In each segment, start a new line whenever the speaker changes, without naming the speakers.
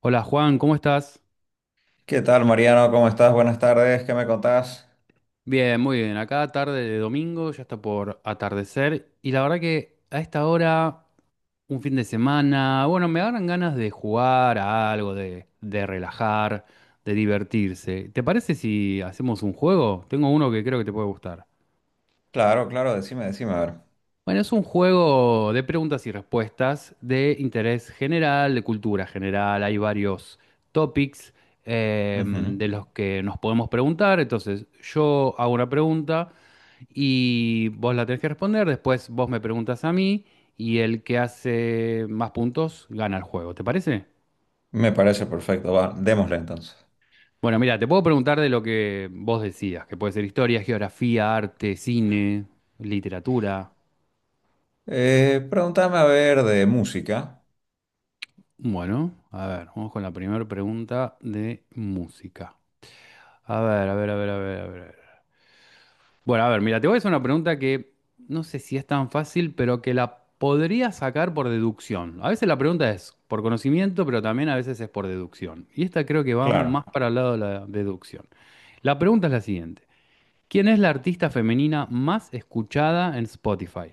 Hola Juan, ¿cómo estás?
¿Qué tal, Mariano? ¿Cómo estás? Buenas tardes. ¿Qué me contás?
Bien, muy bien. Acá tarde de domingo, ya está por atardecer. Y la verdad que a esta hora, un fin de semana, bueno, me dan ganas de jugar a algo, de relajar, de divertirse. ¿Te parece si hacemos un juego? Tengo uno que creo que te puede gustar.
Claro, claro, decime, decime, a ver.
Bueno, es un juego de preguntas y respuestas de interés general, de cultura general. Hay varios topics
Ujú.
de los que nos podemos preguntar. Entonces, yo hago una pregunta y vos la tenés que responder, después vos me preguntas a mí y el que hace más puntos gana el juego, ¿te parece?
Me parece perfecto. Va, démosle entonces.
Bueno, mira, te puedo preguntar de lo que vos decías, que puede ser historia, geografía, arte, cine, literatura.
Pregúntame a ver de música.
Bueno, a ver, vamos con la primera pregunta de música. A ver, a ver, a ver, a ver, a ver. Bueno, a ver, mira, te voy a hacer una pregunta que no sé si es tan fácil, pero que la podría sacar por deducción. A veces la pregunta es por conocimiento, pero también a veces es por deducción. Y esta creo que va más
Claro.
para el lado de la deducción. La pregunta es la siguiente. ¿Quién es la artista femenina más escuchada en Spotify?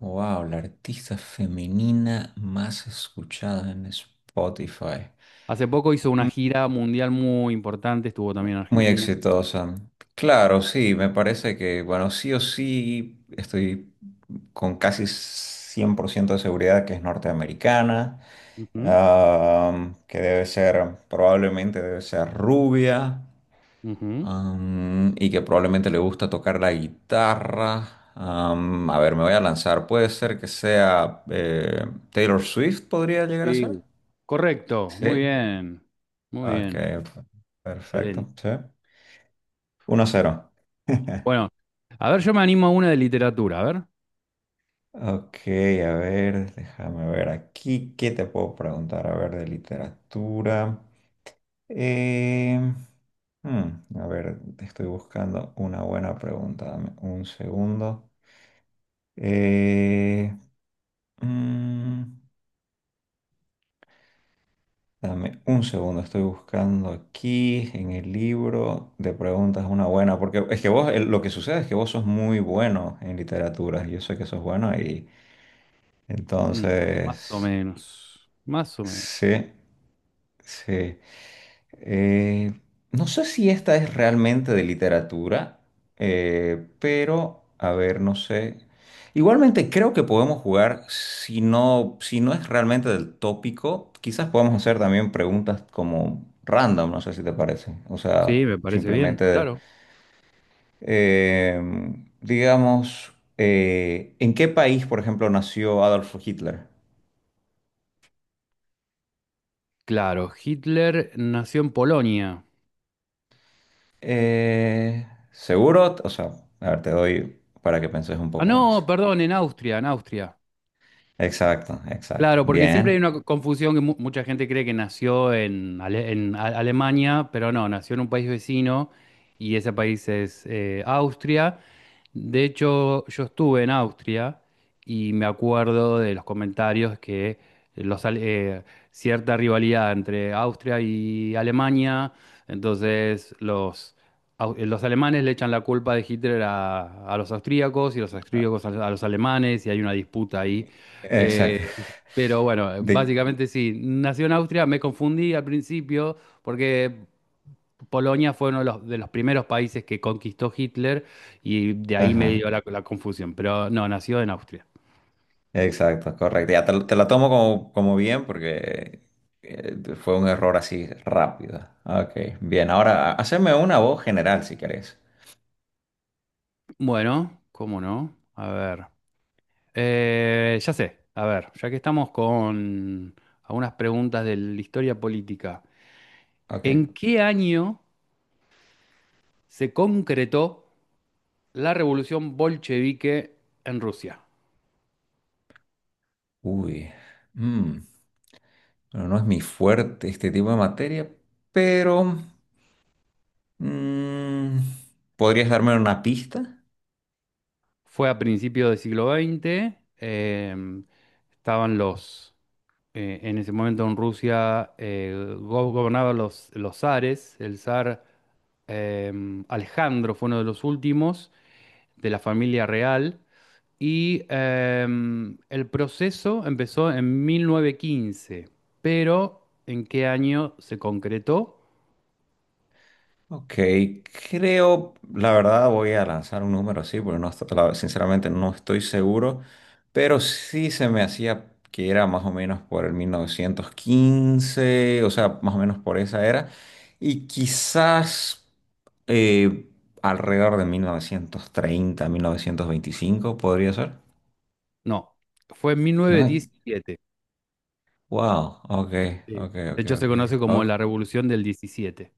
Wow, la artista femenina más escuchada en Spotify.
Hace poco hizo una gira mundial muy importante, estuvo también en
Muy
Argentina.
exitosa. Claro, sí, me parece que, bueno, sí o sí, estoy con casi 100% de seguridad que es norteamericana,
Ujú,
ah, que debe ser, probablemente debe ser rubia,
ujú.
y que probablemente le gusta tocar la guitarra. A ver, me voy a lanzar. Puede ser que sea Taylor Swift, podría llegar a ser.
Sí. Correcto,
Sí.
muy
Ok,
bien, excelente.
perfecto, sí. 1-0.
Bueno, a ver, yo me animo a una de literatura, a ver.
Ok, a ver, déjame ver aquí qué te puedo preguntar, a ver, de literatura. Em, hmm, a ver, te estoy buscando una buena pregunta, dame un segundo. Eh, mm, dame un segundo, estoy buscando aquí en el libro de preguntas una buena, porque es que vos, lo que sucede es que vos sos muy bueno en literatura, yo sé que sos bueno y
No, más o
entonces,
menos, más o menos.
sí. Sí, Eh, no sé si esta es realmente de literatura, pero a ver, no sé. Igualmente creo que podemos jugar, si no, si no es realmente del tópico, quizás podamos hacer también preguntas como random, no sé si te parece. O
Sí,
sea,
me parece bien,
simplemente,
claro.
eh, digamos, ¿en qué país, por ejemplo, nació Adolf Hitler?
Claro, Hitler nació en Polonia.
Eh, seguro, o sea, a ver, te doy para que penses un
Ah,
poco
no,
más.
perdón, en Austria, en Austria.
Exacto, exacto.
Claro, porque siempre
Bien.
hay una confusión que mucha gente cree que nació en, Alemania, pero no, nació en un país vecino y ese país es Austria. De hecho, yo estuve en Austria y me acuerdo de los comentarios que los, ale- eh, cierta rivalidad entre Austria y Alemania, entonces los alemanes le echan la culpa de Hitler a los austríacos y los
Ah,
austríacos a los alemanes y hay una disputa ahí.
exacto.
Eh, pero bueno,
De-
básicamente sí, nació en Austria, me confundí al principio porque Polonia fue uno de los primeros países que conquistó Hitler y de ahí me
ajá,
dio la, la confusión, pero no, nació en Austria.
exacto, correcto. Te la tomo como bien porque fue un error así rápido. Ok, bien. Ahora, haceme una voz general si querés.
Bueno, ¿cómo no? A ver, ya sé, a ver, ya que estamos con algunas preguntas de la historia política, ¿en
Ok.
qué año se concretó la revolución bolchevique en Rusia?
Uy. mm, bueno, no es mi fuerte este tipo de materia, pero. Mm, ¿podrías darme una pista?
Fue a principios del siglo XX. Estaban los, en ese momento en Rusia gobernaban los zares. El zar Alejandro fue uno de los últimos de la familia real. Y el proceso empezó en 1915. ¿Pero en qué año se concretó?
Ok, creo, la verdad voy a lanzar un número así, porque no, sinceramente no estoy seguro, pero sí se me hacía que era más o menos por el 1915, o sea, más o menos por esa era, y quizás eh, alrededor de mil novecientos treinta, 1925, podría ser,
No, fue en
¿no?
1917.
Wow, ok,
Sí.
ok,
De
ok,
hecho, se
ok,
conoce como
ok.
la Revolución del 17.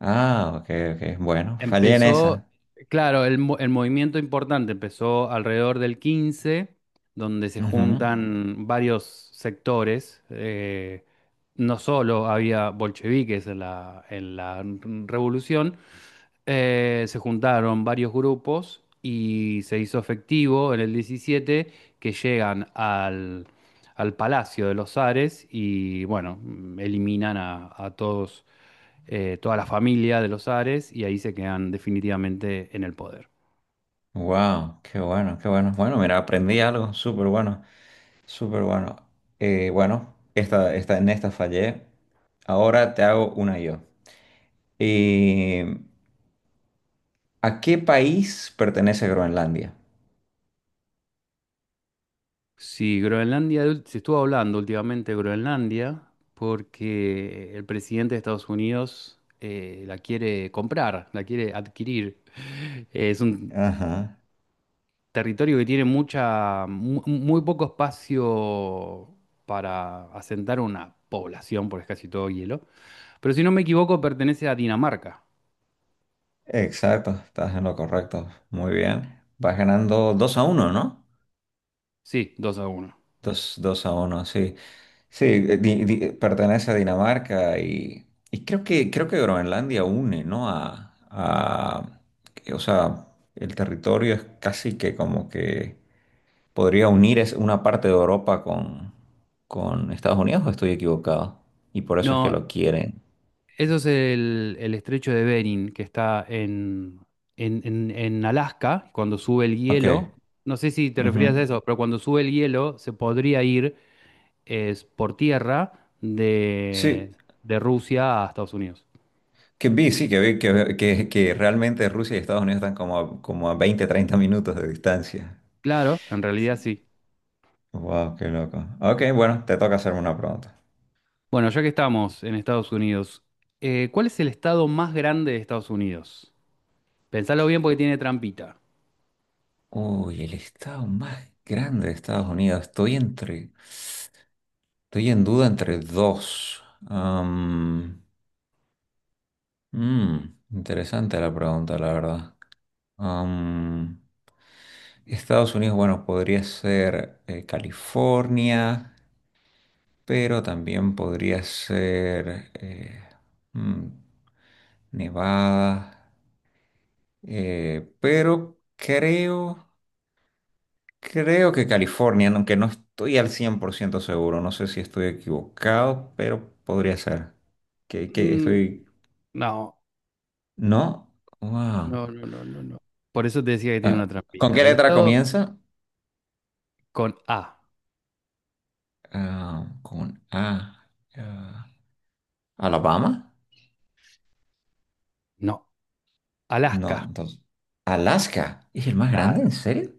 Ah, ok, ok, bueno, fallé en
Empezó,
esa.
claro, el movimiento importante empezó alrededor del 15 donde se
Ujú.
juntan varios sectores. No solo había bolcheviques en la revolución, se juntaron varios grupos y se hizo efectivo en el 17 que llegan al Palacio de los Ares y bueno, mm, eliminan a todos, toda la familia de los Ares y ahí se quedan definitivamente en el poder.
Wow, qué bueno, qué bueno. Bueno, mira, aprendí algo súper bueno, súper bueno. Bueno, en esta fallé. Ahora te hago una yo. Eh, ¿a qué país pertenece Groenlandia?
Sí, Groenlandia, se estuvo hablando últimamente de Groenlandia porque el presidente de Estados Unidos la quiere comprar, la quiere adquirir. Es un
Ajá,
territorio que tiene mucha, muy poco espacio para asentar una población, porque es casi todo hielo. Pero si no me equivoco, pertenece a Dinamarca.
exacto, estás en lo correcto. Muy bien. Vas ganando 2-1, ¿no?
Sí, 2-1.
Dos a uno, sí. Sí, pertenece a Dinamarca y creo que Groenlandia une, ¿no? Que, o sea, el territorio es casi que como que podría unir es una parte de Europa con Estados Unidos, ¿o estoy equivocado? Y por eso es que
No,
lo quieren.
eso es el estrecho de Bering, que está en, en Alaska, cuando sube el
Ok.
hielo. No sé si te
Ujú.
referías a eso, pero cuando sube el hielo se podría ir es, por tierra
Sí,
de Rusia a Estados Unidos.
sí, que vi que realmente Rusia y Estados Unidos están como a 20 30 minutos de distancia.
Claro, en realidad sí.
Wow, qué loco. Ok, bueno, te toca hacerme una pregunta.
Bueno, ya que estamos en Estados Unidos, ¿cuál es el estado más grande de Estados Unidos? Pensalo bien porque tiene trampita.
Uy, el estado más grande de Estados Unidos. Estoy en duda entre dos. Am, interesante la pregunta, la verdad. Am, Estados Unidos, bueno, podría ser California, pero también podría ser mm, Nevada. Pero creo. Creo que California, aunque no estoy al 100% seguro, no sé si estoy equivocado, pero podría ser. Que
Mm,
estoy.
no.
¿No? Wow.
No, no, no, no, no. Por eso te decía que tiene una
Ah, ¿con qué
trampita. El
letra
estado
comienza?
con A.
Ah, con A. Ah, ¿Alabama?
No, Alaska.
No, entonces. ¿Alaska? ¿Es el más grande?
Claro,
¿En serio?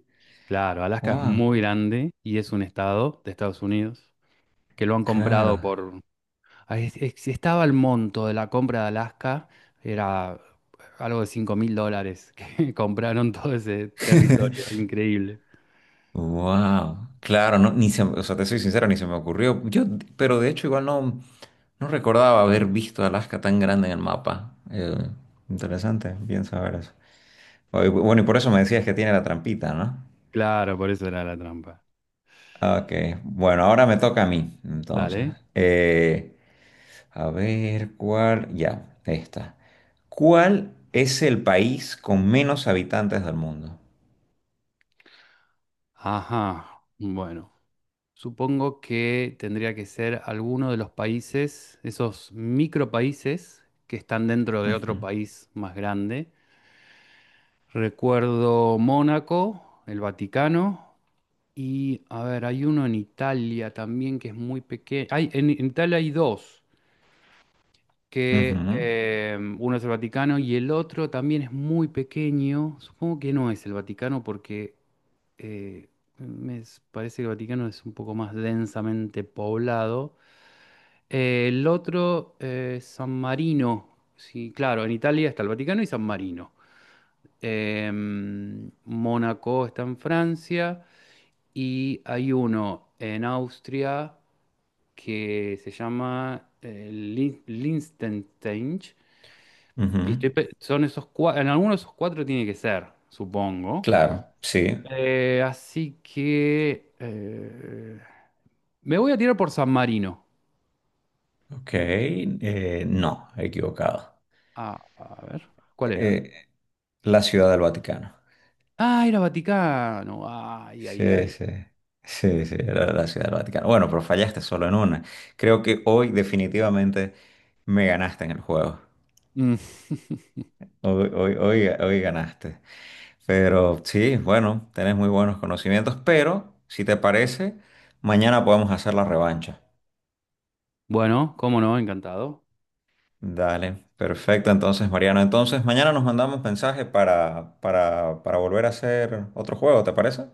claro. Alaska es
Wow.
muy grande y es un estado de Estados Unidos que lo han
Claro.
comprado por... Ahí estaba el monto de la compra de Alaska, era algo de $5.000 que compraron todo ese territorio. Increíble.
Wow. Claro, no,
Sí.
ni o sea, te soy sincero, ni se me ocurrió. Yo, pero de hecho, igual no. No recordaba haber visto Alaska tan grande en el mapa. Interesante, bien saber eso. Oh, y bueno, y por eso me decías que tiene la trampita, ¿no?
Claro, por eso era la trampa.
Ah, ok, bueno, ahora me toca a mí, entonces.
Dale.
Eh, a ver cuál. Ya, esta. ¿Cuál es el país con menos habitantes del mundo?
Ajá. Bueno. Supongo que tendría que ser alguno de los países, esos micropaíses que están dentro de otro
Ujú,
país más grande. Recuerdo Mónaco, el Vaticano y, a ver, hay uno en Italia también que es muy pequeño. Hay, en Italia hay dos, que
ujú,
uno es el Vaticano y el otro también es muy pequeño. Supongo que no es el Vaticano porque eh, parece que el Vaticano es un poco más densamente poblado. El otro, San Marino. Sí, claro, en Italia está el Vaticano y San Marino. Mónaco está en Francia y hay uno en Austria que se llama Liechtenstein.
ujú.
Y estoy son esos cuatro, en alguno de esos cuatro tiene que ser, supongo.
Claro, sí.
Así que me voy a tirar por San Marino.
Ok, no, equivocado.
Ah, a ver, ¿cuál era?
Eh, la Ciudad del Vaticano.
Ah, era Vaticano. Ay, ay,
Sí,
ay.
sí, sí, sí, era la Ciudad del Vaticano. Bueno, pero fallaste solo en una. Creo que hoy definitivamente me ganaste en el juego.
Mm.
Hoy, hoy, hoy, hoy ganaste. Pero sí, bueno, tenés muy buenos conocimientos, pero si te parece, mañana podemos hacer la revancha.
Bueno, cómo no, encantado.
Dale, perfecto entonces, Mariano. Entonces, mañana nos mandamos mensaje para volver a hacer otro juego, ¿te parece?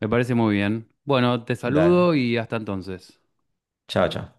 Me parece muy bien. Bueno, te saludo
Dale.
y hasta entonces.
Chao, chao.